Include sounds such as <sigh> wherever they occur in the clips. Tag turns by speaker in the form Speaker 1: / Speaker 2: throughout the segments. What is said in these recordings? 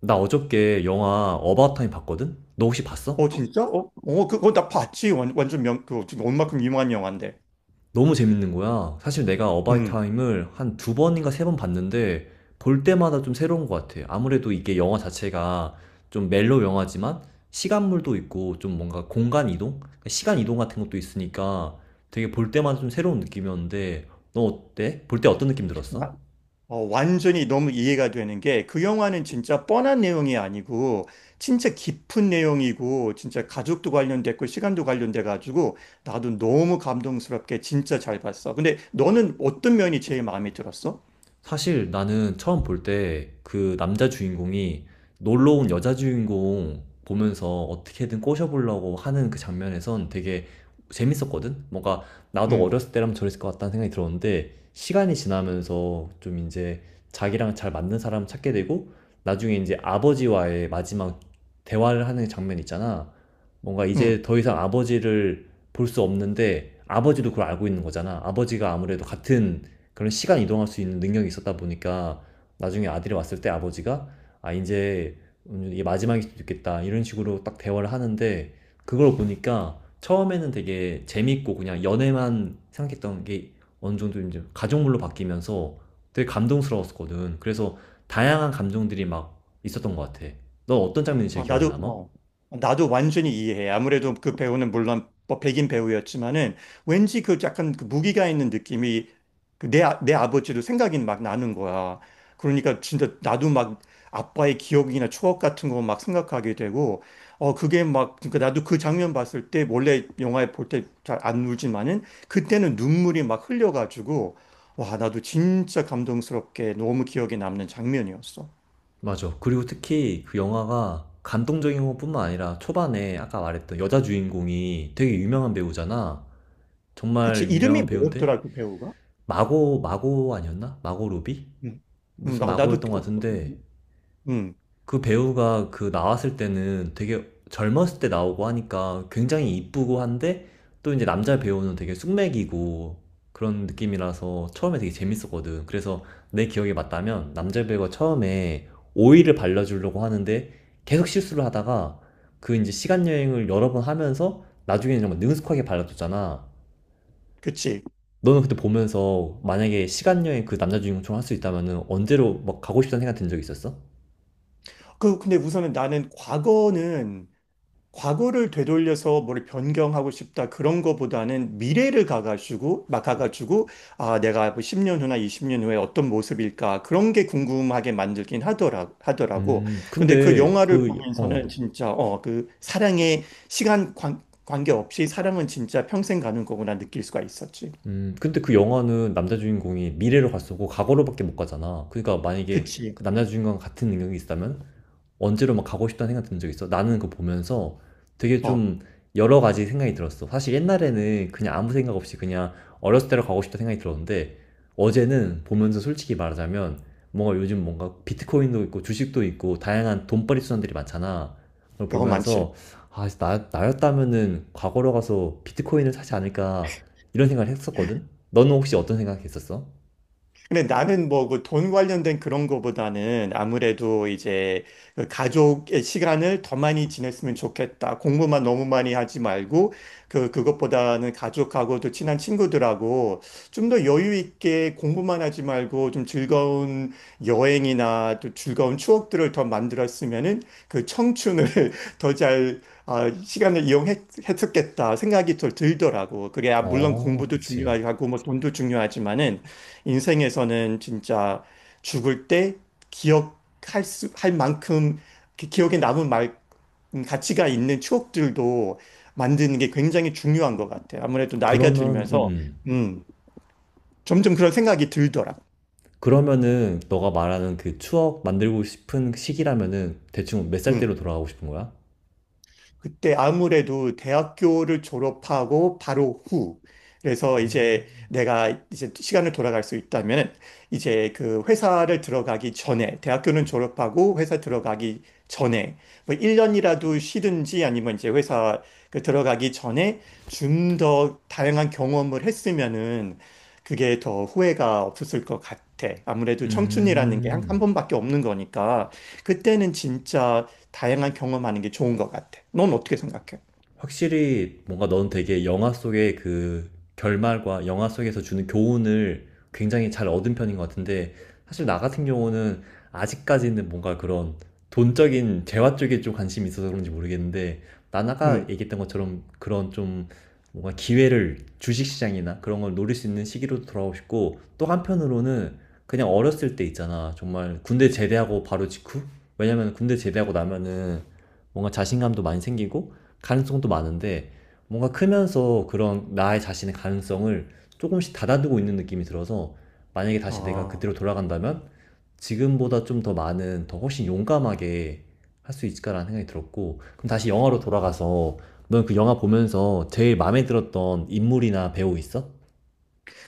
Speaker 1: 나 어저께 영화 어바웃 타임 봤거든? 너 혹시 봤어?
Speaker 2: 어 진짜? 어 그거 나 봤지. 완전 그 온만큼 유명한 영화인데.
Speaker 1: 너무 재밌는 거야. 사실 내가 어바웃
Speaker 2: 음.
Speaker 1: 타임을 한 두 번인가 세번 봤는데 볼 때마다 좀 새로운 것 같아. 아무래도 이게 영화 자체가 좀 멜로 영화지만 시간물도 있고 좀 뭔가 공간 이동? 그러니까 시간 이동 같은 것도 있으니까 되게 볼 때마다 좀 새로운 느낌이었는데 너 어때? 볼 때 어떤 느낌 들었어?
Speaker 2: 와- 완전히 너무 이해가 되는 게 그 영화는 진짜 뻔한 내용이 아니고 진짜 깊은 내용이고 진짜 가족도 관련됐고 시간도 관련돼 가지고 나도 너무 감동스럽게 진짜 잘 봤어. 근데 너는 어떤 면이 제일 마음에 들었어?
Speaker 1: 사실 나는 처음 볼 때 그 남자 주인공이 놀러 온 여자 주인공 보면서 어떻게든 꼬셔보려고 하는 그 장면에선 되게 재밌었거든? 뭔가 나도
Speaker 2: 음.
Speaker 1: 어렸을 때라면 저랬을 것 같다는 생각이 들었는데 시간이 지나면서 좀 이제 자기랑 잘 맞는 사람 찾게 되고, 나중에 이제 아버지와의 마지막 대화를 하는 장면 있잖아. 뭔가 이제
Speaker 2: 음.
Speaker 1: 더 이상 아버지를 볼 수 없는데 아버지도 그걸 알고 있는 거잖아. 아버지가 아무래도 같은 그런 시간 이동할 수 있는 능력이 있었다 보니까 나중에 아들이 왔을 때 아버지가, 아 이제 이게 마지막일 수도 있겠다, 이런 식으로 딱 대화를 하는데 그걸 보니까 처음에는 되게 재밌고 그냥 연애만 생각했던 게 어느 정도 이제 가족물로 바뀌면서 되게 감동스러웠거든. 그래서 다양한 감정들이 막 있었던 것 같아. 넌 어떤 장면이 제일
Speaker 2: 어,
Speaker 1: 기억에
Speaker 2: 나도,
Speaker 1: 남아?
Speaker 2: 어, 나도 완전히 이해해. 아무래도 그 배우는 물론 뭐 백인 배우였지만은 왠지 그 약간 그 무기가 있는 느낌이 내 아버지도 생각이 막 나는 거야. 그러니까 진짜 나도 막 아빠의 기억이나 추억 같은 거 막 생각하게 되고, 그러니까 나도 그 장면 봤을 때 원래 영화에 볼 때 잘 안 울지만은 그때는 눈물이 막 흘려가지고, 와, 나도 진짜 감동스럽게 너무 기억에 남는 장면이었어.
Speaker 1: 맞아. 그리고 특히 그 영화가 감동적인 것뿐만 아니라 초반에 아까 말했던 여자 주인공이 되게 유명한 배우잖아.
Speaker 2: 그치,
Speaker 1: 정말
Speaker 2: 이름이
Speaker 1: 유명한 배우인데
Speaker 2: 뭐였더라, 그 배우가?
Speaker 1: 마고, 마고 아니었나? 마고 로비?
Speaker 2: 음,
Speaker 1: 무슨
Speaker 2: 나, 나도,
Speaker 1: 마고였던 것
Speaker 2: 어, 어,
Speaker 1: 같은데.
Speaker 2: 음,
Speaker 1: 그 배우가 그 나왔을 때는 되게 젊었을 때 나오고 하니까 굉장히 이쁘고 한데 또 이제 남자 배우는 되게 숙맥이고 그런 느낌이라서 처음에 되게 재밌었거든. 그래서 내 기억에 맞다면 남자 배우가 처음에 오일을 발라주려고 하는데 계속 실수를 하다가 그 이제 시간 여행을 여러 번 하면서 나중에는 정말 능숙하게 발라줬잖아.
Speaker 2: 그치.
Speaker 1: 너는 그때 보면서 만약에 시간 여행, 그 남자 주인공처럼 할 수 있다면은 언제로 막 가고 싶다는 생각 든 적 있었어?
Speaker 2: 근데 우선은 나는 과거를 되돌려서 뭘 변경하고 싶다, 그런 거보다는 미래를 가가지고, 내가 뭐 10년 후나 20년 후에 어떤 모습일까, 그런 게 궁금하게 만들긴 하더라고.
Speaker 1: 음,
Speaker 2: 근데 그
Speaker 1: 근데
Speaker 2: 영화를
Speaker 1: 그,
Speaker 2: 보면서는
Speaker 1: 어,
Speaker 2: 진짜, 그 사랑의 시간 관계없이 사랑은 진짜 평생 가는 거구나 느낄 수가 있었지.
Speaker 1: 근데 그 영화는 남자 주인공이 미래로 갈 수고 과거로밖에 못 가잖아. 그러니까 만약에
Speaker 2: 그치.
Speaker 1: 그 남자 주인공과 같은 능력이 있다면 언제로 막 가고 싶다는 생각 든 적 있어? 나는 그거 보면서 되게
Speaker 2: 어,
Speaker 1: 좀 여러 가지 생각이 들었어. 사실 옛날에는 그냥 아무 생각 없이 그냥 어렸을 때로 가고 싶다 생각이 들었는데, 어제는 보면서 솔직히 말하자면 뭔가 요즘 뭔가 비트코인도 있고 주식도 있고 다양한 돈벌이 수단들이 많잖아. 그걸
Speaker 2: 그거 많지.
Speaker 1: 보면서, 아, 나였다면은 과거로 가서 비트코인을 사지 않을까 이런 생각을 했었거든? 너는 혹시 어떤 생각 했었어?
Speaker 2: 근데 나는 뭐 그 돈 관련된 그런 거보다는 아무래도 이제 그 가족의 시간을 더 많이 지냈으면 좋겠다. 공부만 너무 많이 하지 말고 그 그것보다는 가족하고도 친한 친구들하고 좀 더 여유 있게 공부만 하지 말고 좀 즐거운 여행이나 또 즐거운 추억들을 더 만들었으면은 그 청춘을 <laughs> 더 잘 시간을 이용했었겠다 생각이 더 들더라고. 그게, 물론
Speaker 1: 어,
Speaker 2: 공부도
Speaker 1: 그치.
Speaker 2: 중요하고 뭐 돈도 중요하지만은 인생에서는 진짜 죽을 때 기억할 할 만큼 그 기억에 남은 말, 가치가 있는 추억들도 만드는 게 굉장히 중요한 것 같아요. 아무래도 나이가
Speaker 1: 그러면, 음,
Speaker 2: 들면서,
Speaker 1: 음.
Speaker 2: 음, 점점 그런 생각이 들더라고요.
Speaker 1: 그러면은 너가 말하는 그 추억 만들고 싶은 시기라면은 대충 몇 살 때로 돌아가고 싶은 거야?
Speaker 2: 그때 아무래도 대학교를 졸업하고 바로 후. 그래서 이제 내가 이제 시간을 돌아갈 수 있다면 이제 그 회사를 들어가기 전에 대학교는 졸업하고 회사 들어가기 전에 뭐 1년이라도 쉬든지 아니면 이제 회사 그 들어가기 전에 좀 더 다양한 경험을 했으면은 그게 더 후회가 없었을 것 같아. 아무래도 청춘이라는 게 한, 한
Speaker 1: 음.
Speaker 2: 번밖에 없는 거니까 그때는 진짜 다양한 경험하는 게 좋은 것 같아. 넌 어떻게 생각해?
Speaker 1: 확실히 뭔가 넌 되게 영화 속의 그 결말과 영화 속에서 주는 교훈을 굉장히 잘 얻은 편인 것 같은데, 사실 나 같은 경우는 아직까지는 뭔가 그런 돈적인 재화 쪽에 좀 관심이 있어서 그런지 모르겠는데, 난 아까
Speaker 2: 음.
Speaker 1: 얘기했던 것처럼 그런 좀 뭔가 기회를, 주식시장이나 그런 걸 노릴 수 있는 시기로 돌아오고 싶고, 또 한편으로는 그냥 어렸을 때 있잖아, 정말 군대 제대하고 바로 직후. 왜냐면 군대 제대하고 나면은 뭔가 자신감도 많이 생기고 가능성도 많은데, 뭔가 크면서 그런 나의 자신의 가능성을 조금씩 닫아두고 있는 느낌이 들어서, 만약에 다시 내가
Speaker 2: 아.
Speaker 1: 그때로 돌아간다면 지금보다 좀 더 많은 더 훨씬 용감하게 할 수 있을까라는 생각이 들었고. 그럼 다시 영화로 돌아가서, 넌 그 영화 보면서 제일 마음에 들었던 인물이나 배우 있어?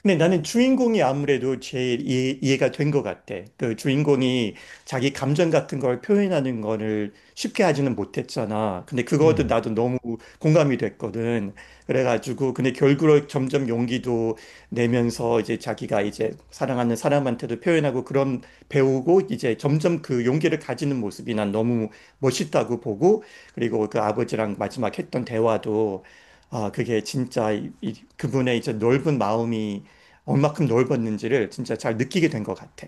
Speaker 2: 근데 나는 주인공이 아무래도 제일 이해가 된 것 같아. 그 주인공이 자기 감정 같은 걸 표현하는 거를 쉽게 하지는 못했잖아. 근데 그것도
Speaker 1: 음.
Speaker 2: 나도 너무 공감이 됐거든. 그래가지고, 근데 결국은 점점 용기도 내면서 이제 자기가 이제 사랑하는 사람한테도 표현하고 그런 배우고 이제 점점 그 용기를 가지는 모습이 난 너무 멋있다고 보고 그리고 그 아버지랑 마지막 했던 대화도 아, 그게 진짜 그분의 이제 넓은 마음이 얼만큼 넓었는지를 진짜 잘 느끼게 된 것 같아.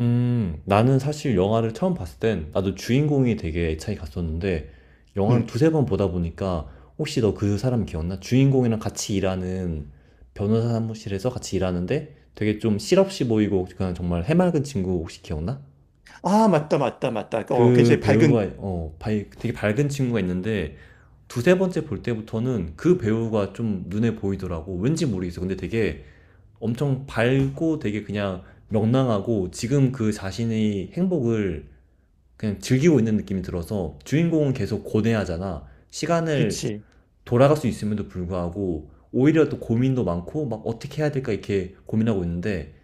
Speaker 1: 나는 사실 영화를 처음 봤을 땐 나도 주인공이 되게 애착이 갔었는데 영화를
Speaker 2: 음.
Speaker 1: 두세 번 보다 보니까, 혹시 너 그 사람 기억나? 주인공이랑 같이 일하는, 변호사 사무실에서 같이 일하는데 되게 좀 실없이 보이고 그냥 정말 해맑은 친구 혹시 기억나?
Speaker 2: 아, 맞다, 맞다, 맞다. 어,
Speaker 1: 그
Speaker 2: 굉장히 밝은,
Speaker 1: 배우가, 되게 밝은 친구가 있는데 두세 번째 볼 때부터는 그 배우가 좀 눈에 보이더라고. 왠지 모르겠어. 근데 되게 엄청 밝고 되게 그냥 명랑하고, 지금 그 자신의 행복을 그냥 즐기고 있는 느낌이 들어서. 주인공은 계속 고뇌하잖아. 시간을
Speaker 2: 그치.
Speaker 1: 돌아갈 수 있음에도 불구하고 오히려 또 고민도 많고 막 어떻게 해야 될까 이렇게 고민하고 있는데,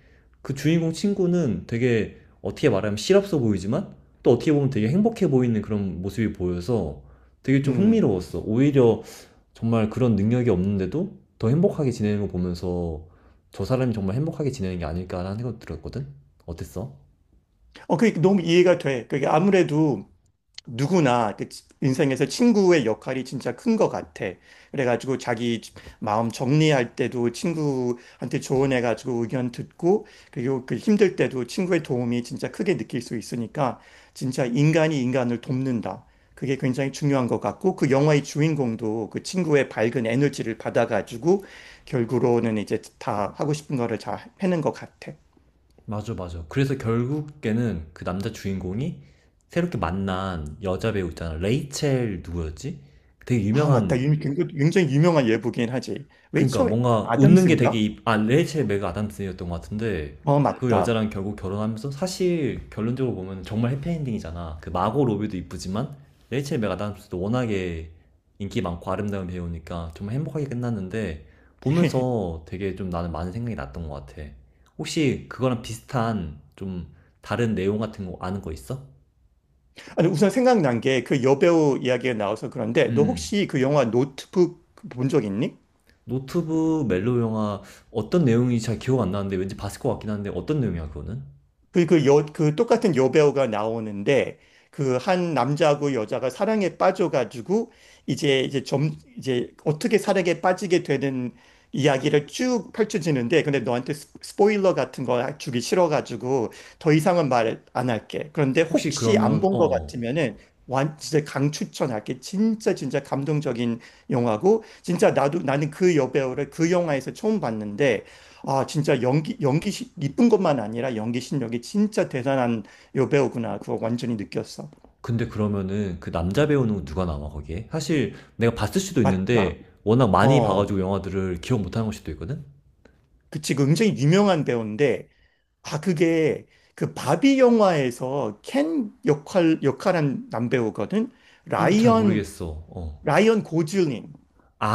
Speaker 1: 그 주인공 친구는 되게 어떻게 말하면 실없어 보이지만 또 어떻게 보면 되게 행복해 보이는 그런 모습이 보여서 되게 좀
Speaker 2: 음.
Speaker 1: 흥미로웠어. 오히려 정말 그런 능력이 없는데도 더 행복하게 지내는 거 보면서 저 사람이 정말 행복하게 지내는 게 아닐까라는 생각 들었거든? 어땠어?
Speaker 2: 그게 너무 이해가 돼. 그게 아무래도 누구나 인생에서 친구의 역할이 진짜 큰 것 같아. 그래가지고 자기 마음 정리할 때도 친구한테 조언해가지고 의견 듣고, 그리고 그 힘들 때도 친구의 도움이 진짜 크게 느낄 수 있으니까, 진짜 인간이 인간을 돕는다. 그게 굉장히 중요한 것 같고, 그 영화의 주인공도 그 친구의 밝은 에너지를 받아가지고, 결국으로는 이제 다 하고 싶은 거를 잘 해낸 것 같아.
Speaker 1: 맞아, 맞아. 그래서 결국에는 그 남자 주인공이 새롭게 만난 여자 배우 있잖아. 레이첼 누구였지? 되게
Speaker 2: 아,
Speaker 1: 유명한.
Speaker 2: 맞다. 굉장히 유명한 예부긴 하지.
Speaker 1: 그러니까
Speaker 2: 레이첼
Speaker 1: 뭔가 웃는 게 되게
Speaker 2: 아담스인가?
Speaker 1: 아, 레이첼 맥 아담스였던 것 같은데.
Speaker 2: 어,
Speaker 1: 그
Speaker 2: 맞다.
Speaker 1: 여자랑 결국 결혼하면서 사실 결론적으로 보면 정말 해피엔딩이잖아. 그 마고 로비도 이쁘지만 레이첼 맥 아담스도 워낙에 인기 많고 아름다운 배우니까 정말 행복하게 끝났는데, 보면서 되게 좀 나는 많은 생각이 났던 것 같아. 혹시 그거랑 비슷한 좀 다른 내용 같은 거 아는 거 있어?
Speaker 2: 아니, 우선 생각난 게 그 여배우 이야기가 나와서 그런데 너
Speaker 1: 음.
Speaker 2: 혹시 그 영화 노트북 본 적 있니?
Speaker 1: 노트북 멜로 영화. 어떤 내용인지 잘 기억 안 나는데 왠지 봤을 것 같긴 한데, 어떤 내용이야 그거는?
Speaker 2: 그 똑같은 여배우가 나오는데 그 한 남자하고 여자가 사랑에 빠져가지고 이제 어떻게 사랑에 빠지게 되는 이야기를 쭉 펼쳐지는데 근데 너한테 스포일러 같은 거 주기 싫어가지고 더 이상은 말 안 할게. 그런데
Speaker 1: 혹시
Speaker 2: 혹시 안
Speaker 1: 그러면,
Speaker 2: 본
Speaker 1: 어,
Speaker 2: 거
Speaker 1: 어.
Speaker 2: 같으면은 완 진짜 강추천할게. 진짜 진짜 감동적인 영화고 진짜 나도 나는 그 여배우를 그 영화에서 처음 봤는데 아, 진짜 이쁜 것만 아니라 연기 실력이 진짜 대단한 여배우구나. 그거 완전히 느꼈어.
Speaker 1: 근데 그러면은 그 남자 배우는 누가 나와 거기에? 사실 내가 봤을 수도
Speaker 2: 맞다.
Speaker 1: 있는데 워낙 많이
Speaker 2: 어.
Speaker 1: 봐가지고 영화들을 기억 못하는 걸 수도 있거든?
Speaker 2: 그치. 그 굉장히 유명한 배우인데, 아, 그게 그 바비 영화에서 켄 역할한 남배우거든?
Speaker 1: 잘
Speaker 2: 라이언,
Speaker 1: 모르겠어. 어.
Speaker 2: 라이언 고즐링.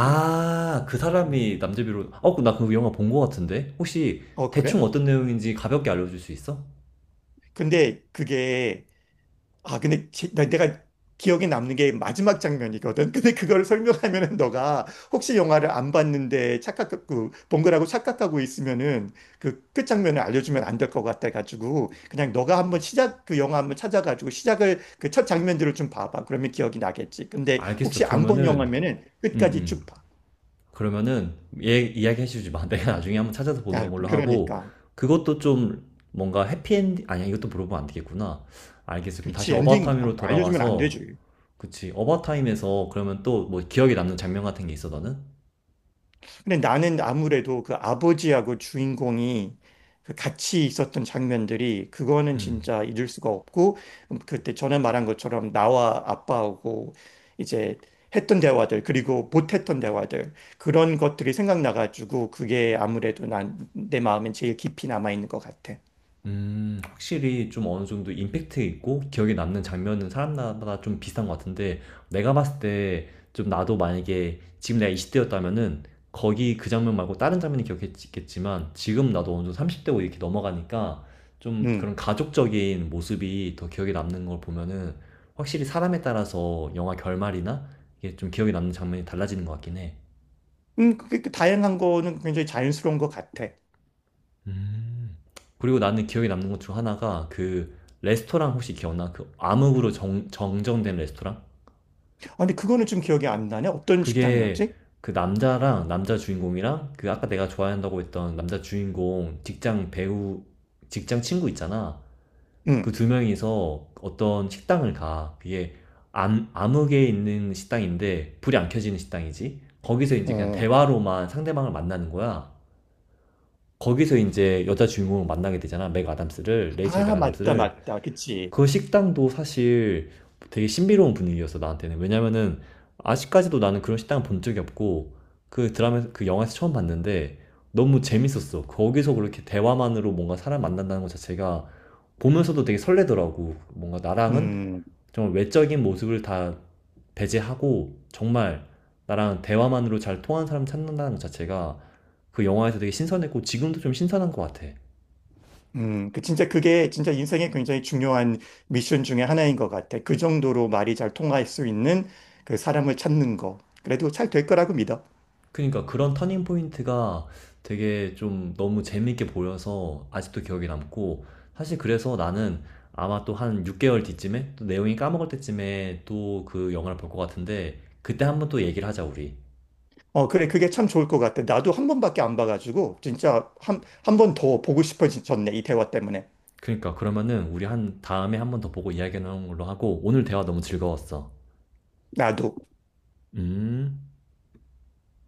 Speaker 2: 그,
Speaker 1: 그
Speaker 2: 음.
Speaker 1: 사람이 남자 배우. 나그 영화 본거 같은데? 혹시 대충
Speaker 2: 그래?
Speaker 1: 어떤 내용인지 가볍게 알려줄 수 있어?
Speaker 2: 근데 그게 아, 근데 제- 나- 내가 기억에 남는 게 마지막 장면이거든. 근데 그걸 설명하면은 너가 혹시 영화를 안 봤는데 착각, 그, 본 거라고 착각하고 있으면은 그 끝 장면을 알려주면 안 될 것 같아가지고 그냥 너가 한번 그 영화 한번 찾아가지고 시작을 그 첫 장면들을 좀 봐봐. 그러면 기억이 나겠지. 근데
Speaker 1: 알겠어.
Speaker 2: 혹시 안 본
Speaker 1: 그러면은,
Speaker 2: 영화면은
Speaker 1: 음,
Speaker 2: 끝까지
Speaker 1: 음.
Speaker 2: 쭉 봐.
Speaker 1: 그러면은 얘 이야기 해주지 마. <laughs> 내가 나중에 한번 찾아서 보는
Speaker 2: 아,
Speaker 1: 걸로 하고,
Speaker 2: 그러니까.
Speaker 1: 그것도 좀 뭔가 해피엔딩 아니야? 이것도 물어보면 안 되겠구나. 알겠어. 그럼
Speaker 2: 그치,
Speaker 1: 다시
Speaker 2: 엔딩
Speaker 1: 어바타임으로
Speaker 2: 알려주면 안
Speaker 1: 돌아와서,
Speaker 2: 되지.
Speaker 1: 그치, 어바타임에서 그러면 또 뭐 기억에 남는 장면 같은 게 있어 너는?
Speaker 2: 근데 나는 아무래도 그 아버지하고 주인공이 그 같이 있었던 장면들이 그거는
Speaker 1: 음.
Speaker 2: 진짜 잊을 수가 없고 그때 전에 말한 것처럼 나와 아빠하고 이제 했던 대화들 그리고 못했던 대화들 그런 것들이 생각나가지고 그게 아무래도 난 내 마음엔 제일 깊이 남아있는 것 같아.
Speaker 1: 확실히 좀 어느 정도 임팩트 있고 기억에 남는 장면은 사람마다 좀 비슷한 것 같은데, 내가 봤을 때 좀 나도 만약에 지금 내가 20대였다면은 거기 그 장면 말고 다른 장면이 기억했겠지만, 지금 나도 어느 정도 30대고 이렇게 넘어가니까 좀
Speaker 2: 음.
Speaker 1: 그런 가족적인 모습이 더 기억에 남는 걸 보면은, 확실히 사람에 따라서 영화 결말이나 이게 좀 기억에 남는 장면이 달라지는 것 같긴 해.
Speaker 2: 그 다양한 거는 굉장히 자연스러운 것 같아.
Speaker 1: 음. 그리고 나는 기억에 남는 것 중 하나가 그 레스토랑, 혹시 기억나? 그 암흑으로 정정된 레스토랑?
Speaker 2: 근데 그거는 좀 기억이 안 나네. 어떤
Speaker 1: 그게,
Speaker 2: 식당이었지?
Speaker 1: 그 남자랑 남자 주인공이랑 그 아까 내가 좋아한다고 했던 남자 주인공 직장 친구 있잖아. 그
Speaker 2: 음.
Speaker 1: 두 명이서 어떤 식당을 가. 그게 암흑에 있는 식당인데 불이 안 켜지는 식당이지. 거기서 이제 그냥
Speaker 2: 어.
Speaker 1: 대화로만 상대방을 만나는 거야. 거기서 이제 여자 주인공을 만나게 되잖아. 맥 아담스를, 레이첼 맥
Speaker 2: 아, 맞다,
Speaker 1: 아담스를.
Speaker 2: 맞다. 그치.
Speaker 1: 그 식당도 사실 되게 신비로운 분위기였어, 나한테는. 왜냐면은 아직까지도 나는 그런 식당 본 적이 없고, 그 드라마 그 영화에서 처음 봤는데 너무 재밌었어. 거기서 그렇게 대화만으로 뭔가 사람 만난다는 것 자체가 보면서도 되게 설레더라고. 뭔가 나랑은
Speaker 2: 음.
Speaker 1: 정말 외적인 모습을 다 배제하고 정말 나랑 대화만으로 잘 통하는 사람 찾는다는 것 자체가 그 영화에서 되게 신선했고 지금도 좀 신선한 것 같아.
Speaker 2: 그 진짜 그게 진짜 인생에 굉장히 중요한 미션 중에 하나인 것 같아. 그 정도로 말이 잘 통할 수 있는 그 사람을 찾는 거. 그래도 잘 될 거라고 믿어.
Speaker 1: 그러니까 그런 터닝 포인트가 되게 좀 너무 재밌게 보여서 아직도 기억에 남고, 사실 그래서 나는 아마 또 한 6개월 뒤쯤에 또 내용이 까먹을 때쯤에 또 그 영화를 볼 것 같은데, 그때 한번 또 얘기를 하자 우리.
Speaker 2: 그래. 그게 참 좋을 것 같아. 나도 한 번밖에 안 봐가지고 진짜 한 번 더 보고 싶어졌네. 이 대화 때문에.
Speaker 1: 그러니까 그러면은 우리 한 다음에 한번 더 보고 이야기하는 걸로 하고, 오늘 대화 너무 즐거웠어.
Speaker 2: 나도.
Speaker 1: 음.